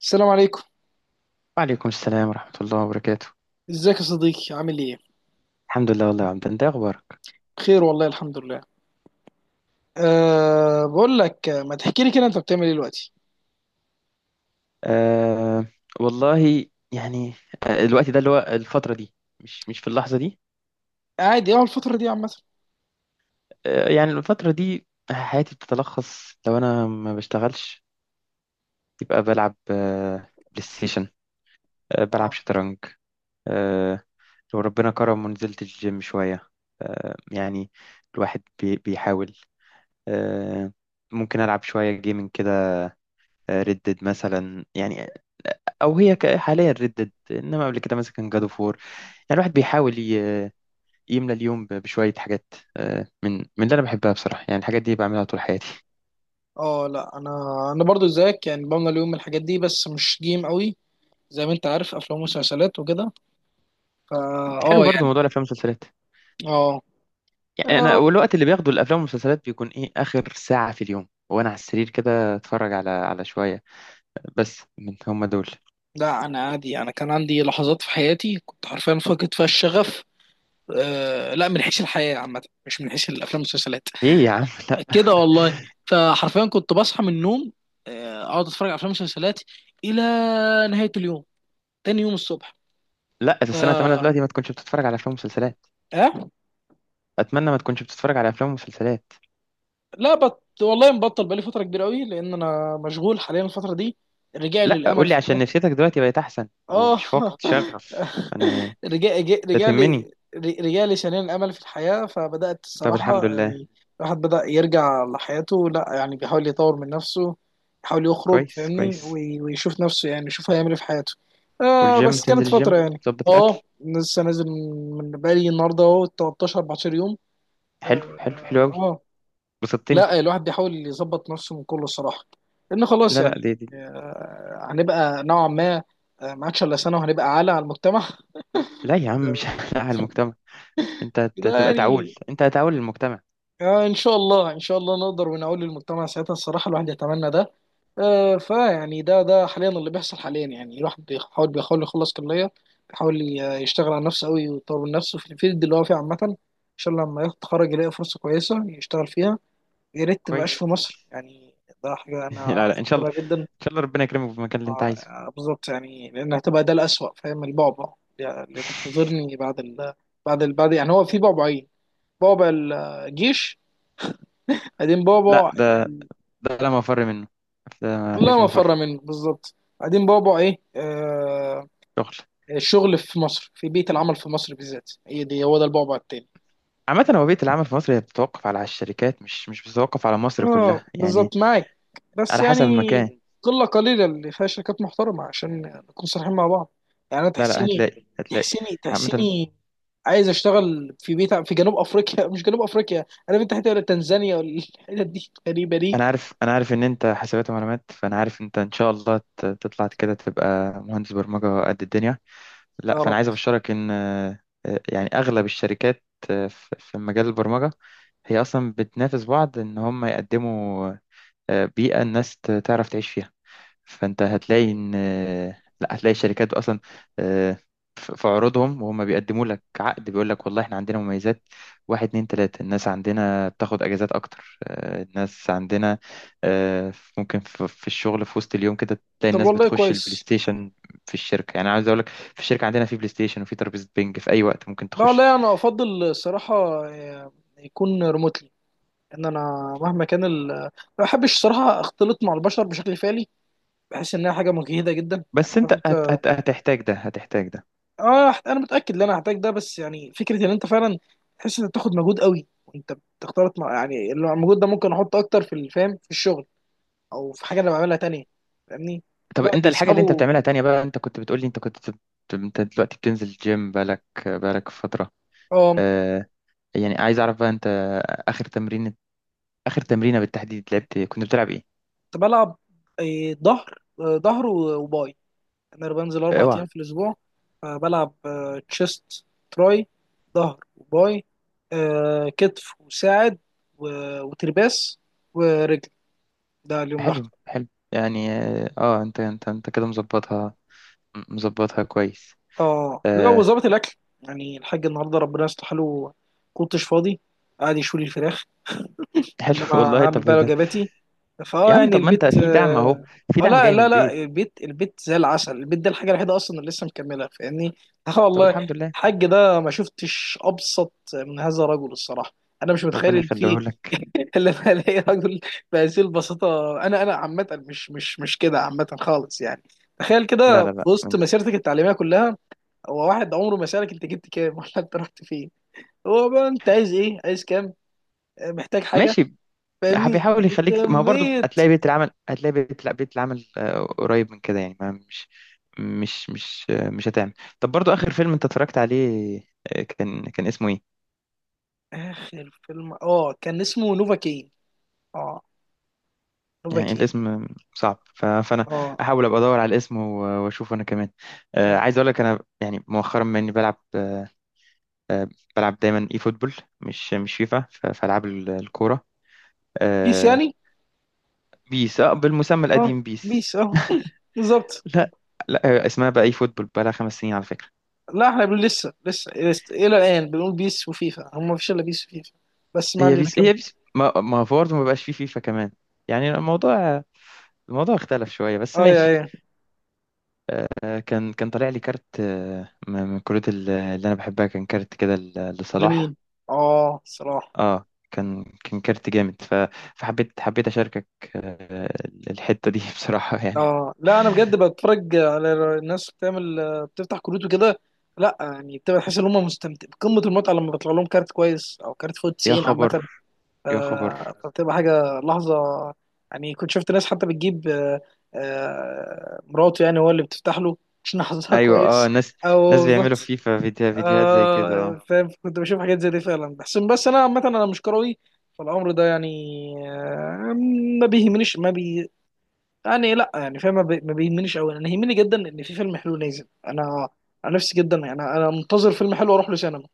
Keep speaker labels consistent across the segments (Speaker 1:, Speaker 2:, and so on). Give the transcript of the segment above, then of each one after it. Speaker 1: السلام عليكم.
Speaker 2: وعليكم السلام ورحمة الله وبركاته.
Speaker 1: ازيك يا صديقي؟ عامل ايه؟
Speaker 2: الحمد لله. والله يا عبد، انت إيه اخبارك؟
Speaker 1: بخير والله، الحمد لله. بقول لك، ما تحكي لي كده، انت بتعمل ايه دلوقتي؟
Speaker 2: آه والله. يعني الوقت ده اللي هو الفترة دي. مش في اللحظة دي.
Speaker 1: قاعد ايه الفتره دي عامه؟
Speaker 2: يعني الفترة دي حياتي بتتلخص، لو انا ما بشتغلش يبقى بلعب بلاي ستيشن، بلعب
Speaker 1: اه.
Speaker 2: شطرنج. آه لو ربنا كرم ونزلت الجيم شوية. يعني الواحد بيحاول. آه ممكن ألعب شوية جيمنج كده، ريد ديد مثلا يعني، او هي حاليا ردد. انما قبل كده مثلا كان جاد اوف وور. يعني الواحد بيحاول يملى اليوم بشويه حاجات، من اللي انا بحبها بصراحه. يعني الحاجات دي بعملها طول حياتي.
Speaker 1: اه لا، انا برضو زيك يعني، بملى اليوم من الحاجات دي بس مش جيم قوي. زي ما انت عارف، افلام ومسلسلات وكده. فا
Speaker 2: حلو
Speaker 1: اه
Speaker 2: برضو
Speaker 1: يعني.
Speaker 2: موضوع الافلام والمسلسلات.
Speaker 1: اه.
Speaker 2: يعني انا،
Speaker 1: آه،
Speaker 2: والوقت اللي باخده الافلام والمسلسلات بيكون ايه اخر ساعه في اليوم، وانا على السرير كده اتفرج على شويه. بس من هم دول.
Speaker 1: لا انا عادي، انا كان عندي لحظات في حياتي كنت حرفيا فاقد فيها الشغف. لا من حيث الحياه عامه، مش من حيث الافلام والمسلسلات.
Speaker 2: ايه يا عم، لا،
Speaker 1: كده والله. فحرفيا كنت بصحى من النوم، اقعد اتفرج على افلام ومسلسلات الى نهايه اليوم، تاني يوم الصبح.
Speaker 2: لا، بس انا اتمنى
Speaker 1: اه.
Speaker 2: دلوقتي ما تكونش بتتفرج على افلام ومسلسلات.
Speaker 1: آه؟
Speaker 2: اتمنى ما تكونش بتتفرج على افلام ومسلسلات.
Speaker 1: لا بط والله، مبطل بقالي فتره كبيره قوي لان انا مشغول حاليا الفتره دي، الرجاع
Speaker 2: لا
Speaker 1: للامل
Speaker 2: قول لي
Speaker 1: في
Speaker 2: عشان
Speaker 1: الحياه.
Speaker 2: نفسيتك دلوقتي بقت احسن
Speaker 1: اه.
Speaker 2: ومش فاقد شغف. انا
Speaker 1: رجع
Speaker 2: انت تهمني.
Speaker 1: رجالي، رجالي شنين الامل في الحياه، فبدات
Speaker 2: طب الحمد
Speaker 1: الصراحه
Speaker 2: لله.
Speaker 1: يعني الواحد بدا يرجع لحياته، لا يعني بيحاول يطور من نفسه، يحاول يخرج،
Speaker 2: كويس
Speaker 1: فاهمني،
Speaker 2: كويس.
Speaker 1: ويشوف نفسه، يعني يشوف هيعمل ايه في حياته. آه
Speaker 2: والجيم،
Speaker 1: بس
Speaker 2: تنزل
Speaker 1: كانت
Speaker 2: الجيم،
Speaker 1: فتره يعني.
Speaker 2: تظبط
Speaker 1: اه
Speaker 2: الاكل.
Speaker 1: لسه نازل من بقالي النهارده اهو 13 14 يوم.
Speaker 2: حلو
Speaker 1: اه.
Speaker 2: حلو حلو قوي. بسطتني.
Speaker 1: لا الواحد بيحاول يظبط نفسه من كل الصراحه، لان خلاص
Speaker 2: لا
Speaker 1: يعني.
Speaker 2: لا دي.
Speaker 1: هنبقى نوعا ما، ما عادش الا سنه وهنبقى عالة على المجتمع.
Speaker 2: لا يا عم، مش لا على المجتمع. انت
Speaker 1: ده
Speaker 2: تبقى تعول،
Speaker 1: يعني،
Speaker 2: انت هتعول للمجتمع.
Speaker 1: ان شاء الله، ان شاء الله نقدر ونقول للمجتمع ساعتها. الصراحه الواحد يتمنى ده. فيعني ده حاليا اللي بيحصل حاليا. يعني الواحد بيحاول يخلص كليه، بيحاول يشتغل على نفسه قوي ويطور من نفسه في الفيلد اللي هو فيه عامه. ان شاء الله لما يتخرج يلاقي فرصه كويسه يشتغل فيها. يا ريت ما يبقاش
Speaker 2: كويس
Speaker 1: في مصر
Speaker 2: كويس.
Speaker 1: يعني. ده حاجه انا
Speaker 2: لا لا ان شاء
Speaker 1: افضلها
Speaker 2: الله.
Speaker 1: جدا.
Speaker 2: ان شاء الله ربنا يكرمك في المكان اللي انت عايزه.
Speaker 1: اه بالظبط، يعني لان هتبقى ده الأسوأ، فاهم؟ البعبع اللي منتظرني بعد بعد بعد، يعني هو في بعبعين: بعبع الجيش، بعدين
Speaker 2: لا
Speaker 1: بعبع.
Speaker 2: ده، لا مفر منه. ده ما
Speaker 1: الله
Speaker 2: فيش
Speaker 1: ما فر
Speaker 2: مفر.
Speaker 1: منه، بالظبط. بعدين بعبع ايه؟ آه...
Speaker 2: شغل.
Speaker 1: الشغل في مصر. في بيئة العمل في مصر بالذات، هي دي، هو ده البعبع التاني.
Speaker 2: عامة هو بيئة العمل في مصر هي بتتوقف على الشركات، مش بتتوقف على مصر
Speaker 1: اه
Speaker 2: كلها يعني.
Speaker 1: بالظبط معاك، بس
Speaker 2: على حسب
Speaker 1: يعني هتاخد
Speaker 2: المكان.
Speaker 1: إيه؟ قله، قليله اللي فيها شركات محترمه عشان نكون صريحين مع بعض. يعني انا
Speaker 2: لا لا
Speaker 1: تحسيني،
Speaker 2: هتلاقي.
Speaker 1: تحسيني
Speaker 2: عامة،
Speaker 1: تحسيني عايز اشتغل في بيت في جنوب افريقيا. مش جنوب افريقيا، انا في الحته ولا تنزانيا، ولا الحتت دي غريبه دي.
Speaker 2: انا عارف ان انت حسابات ومعلومات، فانا عارف انت ان شاء الله تطلع كده تبقى مهندس برمجة قد الدنيا.
Speaker 1: يا
Speaker 2: لا
Speaker 1: رب.
Speaker 2: فانا عايز ابشرك ان يعني اغلب الشركات في مجال البرمجة، هي اصلا بتنافس بعض ان هم يقدموا بيئة الناس تعرف تعيش فيها. فانت هتلاقي ان، لا هتلاقي الشركات اصلا آه، في عروضهم، وهم بيقدموا لك عقد بيقول لك والله احنا عندنا مميزات، واحد اتنين تلاتة. الناس عندنا بتاخد اجازات اكتر، الناس عندنا آه، ممكن في الشغل في وسط اليوم كده تلاقي
Speaker 1: طب
Speaker 2: الناس
Speaker 1: والله
Speaker 2: بتخش البلاي
Speaker 1: كويس.
Speaker 2: ستيشن في الشركة. يعني عايز اقول لك، في الشركة عندنا في بلاي ستيشن، وفي ترابيزة بينج في اي وقت ممكن
Speaker 1: لا
Speaker 2: تخش.
Speaker 1: والله انا افضل الصراحه آه، يكون ريموتلي. ان انا مهما كان ما بحبش الصراحه اختلط مع البشر بشكل فعلي. بحس انها حاجه مجهده جدا، يعني
Speaker 2: بس انت
Speaker 1: عارف.
Speaker 2: هت هت هتحتاج ده، هتحتاج ده.
Speaker 1: اه انا متاكد ان انا هحتاج ده، بس يعني فكره ان انت فعلا تحس انك بتاخد مجهود قوي وانت بتختلط مع، يعني اللي هو المجهود ده ممكن احطه اكتر في الفهم في الشغل، او في حاجه انا بعملها تانية. فاهمني؟
Speaker 2: طب
Speaker 1: لا
Speaker 2: انت الحاجة اللي انت
Speaker 1: بيسحبوا.
Speaker 2: بتعملها تانية بقى، انت كنت بتقولي، انت كنت انت دلوقتي بتنزل جيم بقالك فترة.
Speaker 1: اه.
Speaker 2: آه يعني عايز اعرف بقى انت اخر تمرين، اخر تمرينة بالتحديد لعبت، كنت بتلعب ايه؟
Speaker 1: كنت بلعب ظهر، ظهر وباي. انا بنزل اربع
Speaker 2: اوعى.
Speaker 1: ايام في الاسبوع. بلعب تشيست تراي، ظهر وباي، كتف وساعد وترباس، ورجل. ده اليوم لوحده.
Speaker 2: حلو حلو، يعني انت كده مظبطها، مظبطها كويس.
Speaker 1: اه لا
Speaker 2: آه
Speaker 1: وظبط الاكل، يعني الحاج النهارده ربنا يصلح له، كنتش فاضي، قاعد يشوي لي الفراخ.
Speaker 2: حلو.
Speaker 1: انما
Speaker 2: والله
Speaker 1: هعمل
Speaker 2: طب ايه
Speaker 1: بقى
Speaker 2: ده؟
Speaker 1: وجباتي. فاه
Speaker 2: يا عم
Speaker 1: يعني
Speaker 2: طب ما انت
Speaker 1: البيت
Speaker 2: في دعم اهو،
Speaker 1: اه.
Speaker 2: في دعم
Speaker 1: لا
Speaker 2: جاي من
Speaker 1: لا لا
Speaker 2: البيت.
Speaker 1: البيت، البيت زي العسل. البيت ده الحاجه الوحيده اصلا اللي لسه مكمله، فاهمني؟ اه
Speaker 2: طب
Speaker 1: والله.
Speaker 2: الحمد لله.
Speaker 1: الحاج ده ما شفتش ابسط من هذا الرجل الصراحه. انا مش متخيل
Speaker 2: ربنا
Speaker 1: ان في
Speaker 2: يخليه لك.
Speaker 1: اللي انا الاقي رجل بهذه البساطه. انا انا عامه مش كده عامه خالص، يعني تخيل
Speaker 2: لا
Speaker 1: كده
Speaker 2: لا
Speaker 1: في
Speaker 2: لا
Speaker 1: وسط
Speaker 2: انت
Speaker 1: مسيرتك التعليميه كلها، هو واحد عمره ما سألك انت جبت كام ولا انت رحت فين. هو بقى انت عايز ايه؟ عايز كام؟ محتاج حاجة؟
Speaker 2: ماشي،
Speaker 1: فاهمني
Speaker 2: بيحاول يخليك. ما هو برضه
Speaker 1: بكمية.
Speaker 2: هتلاقي بيت العمل، هتلاقي بيت، لا بيت العمل قريب من كده يعني. ما مش مش مش مش هتعمل. طب برضه آخر فيلم انت اتفرجت عليه كان اسمه ايه؟
Speaker 1: اخر فيلم اه كان اسمه نوفا كين. اه نوفا
Speaker 2: يعني
Speaker 1: كين.
Speaker 2: الاسم صعب، فانا
Speaker 1: اه.
Speaker 2: احاول ابقى ادور على الاسم واشوفه انا كمان. عايز
Speaker 1: آه.
Speaker 2: اقول لك انا، يعني مؤخرا بما اني بلعب آه، بلعب دايما اي فوتبول، مش فيفا، في العاب الكوره.
Speaker 1: بيس
Speaker 2: آه،
Speaker 1: يعني.
Speaker 2: بيس، اه، بالمسمى
Speaker 1: اه
Speaker 2: القديم بيس.
Speaker 1: بيس، اه بالظبط.
Speaker 2: لا لا اسمها بقى اي فوتبول، بقى لها خمس سنين على فكره.
Speaker 1: لا احنا بنقول لسه، لسه الى الان بنقول بيس وفيفا، هم مفيش الا بيس وفيفا. بس ما
Speaker 2: هي
Speaker 1: علينا
Speaker 2: بيس،
Speaker 1: كمان.
Speaker 2: هي بيس، ما هو برضه ما بقاش فيه فيفا كمان. يعني الموضوع، الموضوع اختلف شوية بس
Speaker 1: اه يا
Speaker 2: ماشي.
Speaker 1: ايه.
Speaker 2: كان طالع لي كارت من الكروت اللي انا بحبها، كان كارت كده لصلاح.
Speaker 1: لمين؟ اه صراحة.
Speaker 2: اه كان كارت جامد، حبيت اشاركك آه، الحتة دي بصراحة يعني.
Speaker 1: اه لا انا بجد بتفرج على الناس بتعمل، بتفتح كروت وكده. لا يعني بتبقى تحس ان هم مستمتع بقمه المتعه لما بيطلع لهم كارت كويس، او كارت فوق
Speaker 2: يا
Speaker 1: 90
Speaker 2: خبر!
Speaker 1: عامه.
Speaker 2: يا خبر!
Speaker 1: فبتبقى حاجه لحظه. يعني كنت شفت ناس حتى بتجيب مراته يعني هو اللي بتفتح له عشان حظها
Speaker 2: ايوه. اه،
Speaker 1: كويس.
Speaker 2: ناس
Speaker 1: او
Speaker 2: ناس بيعملوا
Speaker 1: بالظبط.
Speaker 2: فيفا فيديوهات زي كده اه.
Speaker 1: فاهم، كنت بشوف حاجات زي دي فعلا، بحس بس انا عامه انا مش كروي، فالامر ده يعني آه، ما بيهمنيش، ما بي يعني لا يعني فاهم، ما بيهمنيش قوي. انا يهمني جدا ان في فيلم حلو نازل. انا نفسي جدا يعني، انا أنا منتظر فيلم حلو اروح له سينما.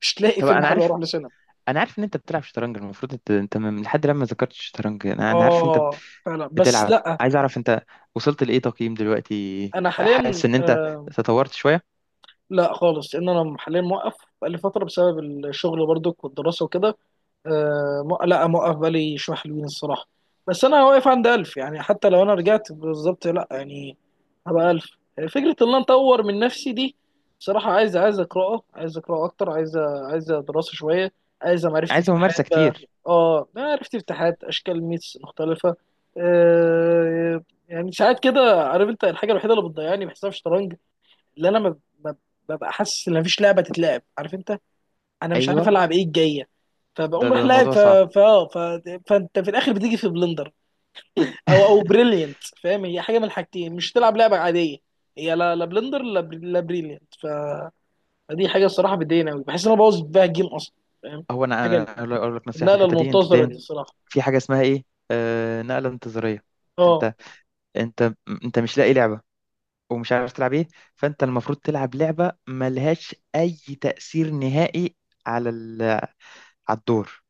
Speaker 1: مش تلاقي
Speaker 2: طب
Speaker 1: فيلم
Speaker 2: انا
Speaker 1: حلو
Speaker 2: عارف،
Speaker 1: اروح له سينما.
Speaker 2: ان انت بتلعب شطرنج. المفروض انت انت من لحد لما ذكرت الشطرنج، انا عارف انت
Speaker 1: اه فعلا بس
Speaker 2: بتلعب.
Speaker 1: لا.
Speaker 2: عايز اعرف انت وصلت لايه تقييم دلوقتي؟
Speaker 1: انا حاليا
Speaker 2: حاسس ان انت
Speaker 1: آه،
Speaker 2: تطورت شويه؟
Speaker 1: لا خالص، لان انا حاليا موقف بقالي فتره بسبب الشغل برضك والدراسه وكده. لا موقف بالي شويه حلوين الصراحه. بس انا واقف عند 1000، يعني حتى لو انا رجعت بالظبط، لا يعني هبقى 1000. فكره ان انا اطور من نفسي دي، بصراحه عايز، عايز اقراه اكتر، عايز دراسه شويه. عايز معرفه
Speaker 2: عايز
Speaker 1: افتتاحات
Speaker 2: ممارسه
Speaker 1: بقى.
Speaker 2: كتير.
Speaker 1: اه معرفه افتتاحات، اشكال ميتس مختلفه. آه يعني، ساعات كده عارف انت، الحاجه الوحيده اللي بتضيعني بحساب الشطرنج، اللي انا ما- ببقى حاسس ان مفيش لعبه تتلعب، عارف انت، انا مش عارف
Speaker 2: ايوه.
Speaker 1: العب ايه الجايه.
Speaker 2: ده
Speaker 1: فبقوم
Speaker 2: ده
Speaker 1: رايح لاعب
Speaker 2: موضوع صعب.
Speaker 1: ف... اه، ف... فانت في الاخر بتيجي في بلندر، او بريليانت، فاهم؟ هي حاجه من الحاجتين، مش تلعب لعبه عاديه. هي لا بلندر، لا بريليانت. فدي حاجه الصراحه بتضايقني قوي، بحس ان انا بوظ بيها الجيم اصلا. فاهم؟
Speaker 2: هو انا
Speaker 1: حاجه.
Speaker 2: انا أقول لك نصيحه في
Speaker 1: النقله
Speaker 2: الحته دي. انت
Speaker 1: المنتظره
Speaker 2: دايما
Speaker 1: دي الصراحه.
Speaker 2: في حاجه اسمها ايه، نقله انتظاريه.
Speaker 1: اه
Speaker 2: انت انت انت مش لاقي لعبه، ومش عارف تلعب ايه، فانت المفروض تلعب لعبه ملهاش اي تاثير نهائي على على الدور.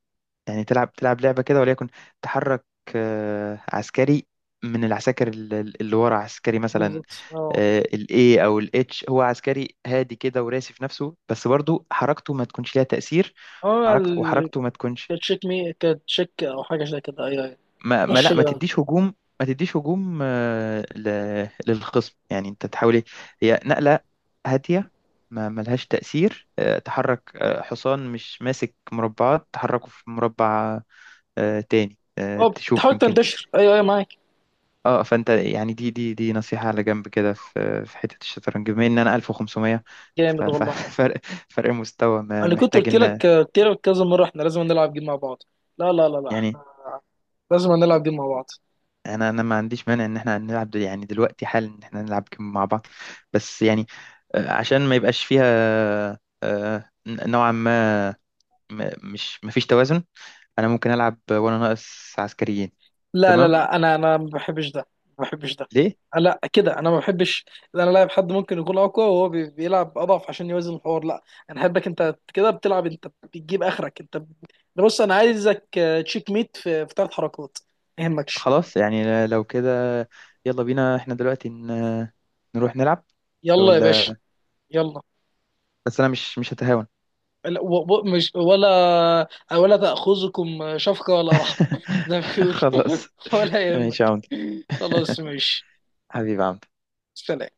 Speaker 2: يعني تلعب، لعبه كده وليكن تحرك عسكري من العساكر اللي ورا عسكري مثلا.
Speaker 1: بالظبط. اه.
Speaker 2: الاي او الاتش، هو عسكري هادي كده وراسي في نفسه، بس برضو حركته ما تكونش ليها تأثير.
Speaker 1: اه
Speaker 2: وحركت-
Speaker 1: ال-
Speaker 2: وحركته ما تكونش
Speaker 1: كانت تشيك مي، كانت تشيك او حاجه زي كده، ايوه ايوه. مش.
Speaker 2: ما تديش هجوم. ما تديش هجوم للخصم. يعني انت تحاول إيه؟ هي نقلة هادية ما ملهاش تأثير، تحرك حصان مش ماسك مربعات، تحركه في مربع تاني،
Speaker 1: اه
Speaker 2: تشوف
Speaker 1: بتحاول
Speaker 2: يمكن.
Speaker 1: تنتشر، ايوه ايوه معاك.
Speaker 2: اه فانت يعني دي نصيحة على جنب كده في حتة الشطرنج. بما ان انا 1500،
Speaker 1: جامد والله.
Speaker 2: ففرق فرق مستوى،
Speaker 1: انا كنت
Speaker 2: محتاج
Speaker 1: قلت
Speaker 2: ان
Speaker 1: لك، قلت لك كذا مره، احنا لازم نلعب جيم مع بعض. لا،
Speaker 2: يعني.
Speaker 1: احنا لازم نلعب جيم مع بعض.
Speaker 2: انا ما عنديش مانع ان احنا نلعب يعني دلوقتي حالا ان احنا نلعب جيم مع بعض. بس يعني عشان ما يبقاش فيها نوعا ما، مش، ما فيش توازن. انا ممكن العب وانا ناقص عسكريين.
Speaker 1: لا لا
Speaker 2: تمام.
Speaker 1: لا انا انا ما بحبش ده. ما بحبش ده.
Speaker 2: ليه؟
Speaker 1: لا كده انا ما بحبش ان انا لاعب حد ممكن يكون اقوى وهو بيلعب اضعف عشان يوازن الحوار، لا. انا احبك انت كده بتلعب، انت بتجيب اخرك، انت أنا بص، انا عايزك تشيك ميت في في ثلاث حركات، ما يهمكش.
Speaker 2: خلاص يعني لو كده يلا بينا، احنا دلوقتي نروح نلعب
Speaker 1: يلا يا
Speaker 2: ولا...
Speaker 1: باشا، يلا.
Speaker 2: بس انا مش هتهاون.
Speaker 1: لا، مش ولا ولا تأخذكم شفقة ولا رحمة، زي ما بيقولوا.
Speaker 2: خلاص
Speaker 1: ولا
Speaker 2: ماشي يا
Speaker 1: يهمك.
Speaker 2: عمد.
Speaker 1: خلاص ماشي.
Speaker 2: حبيبي يا عمد.
Speaker 1: سلام.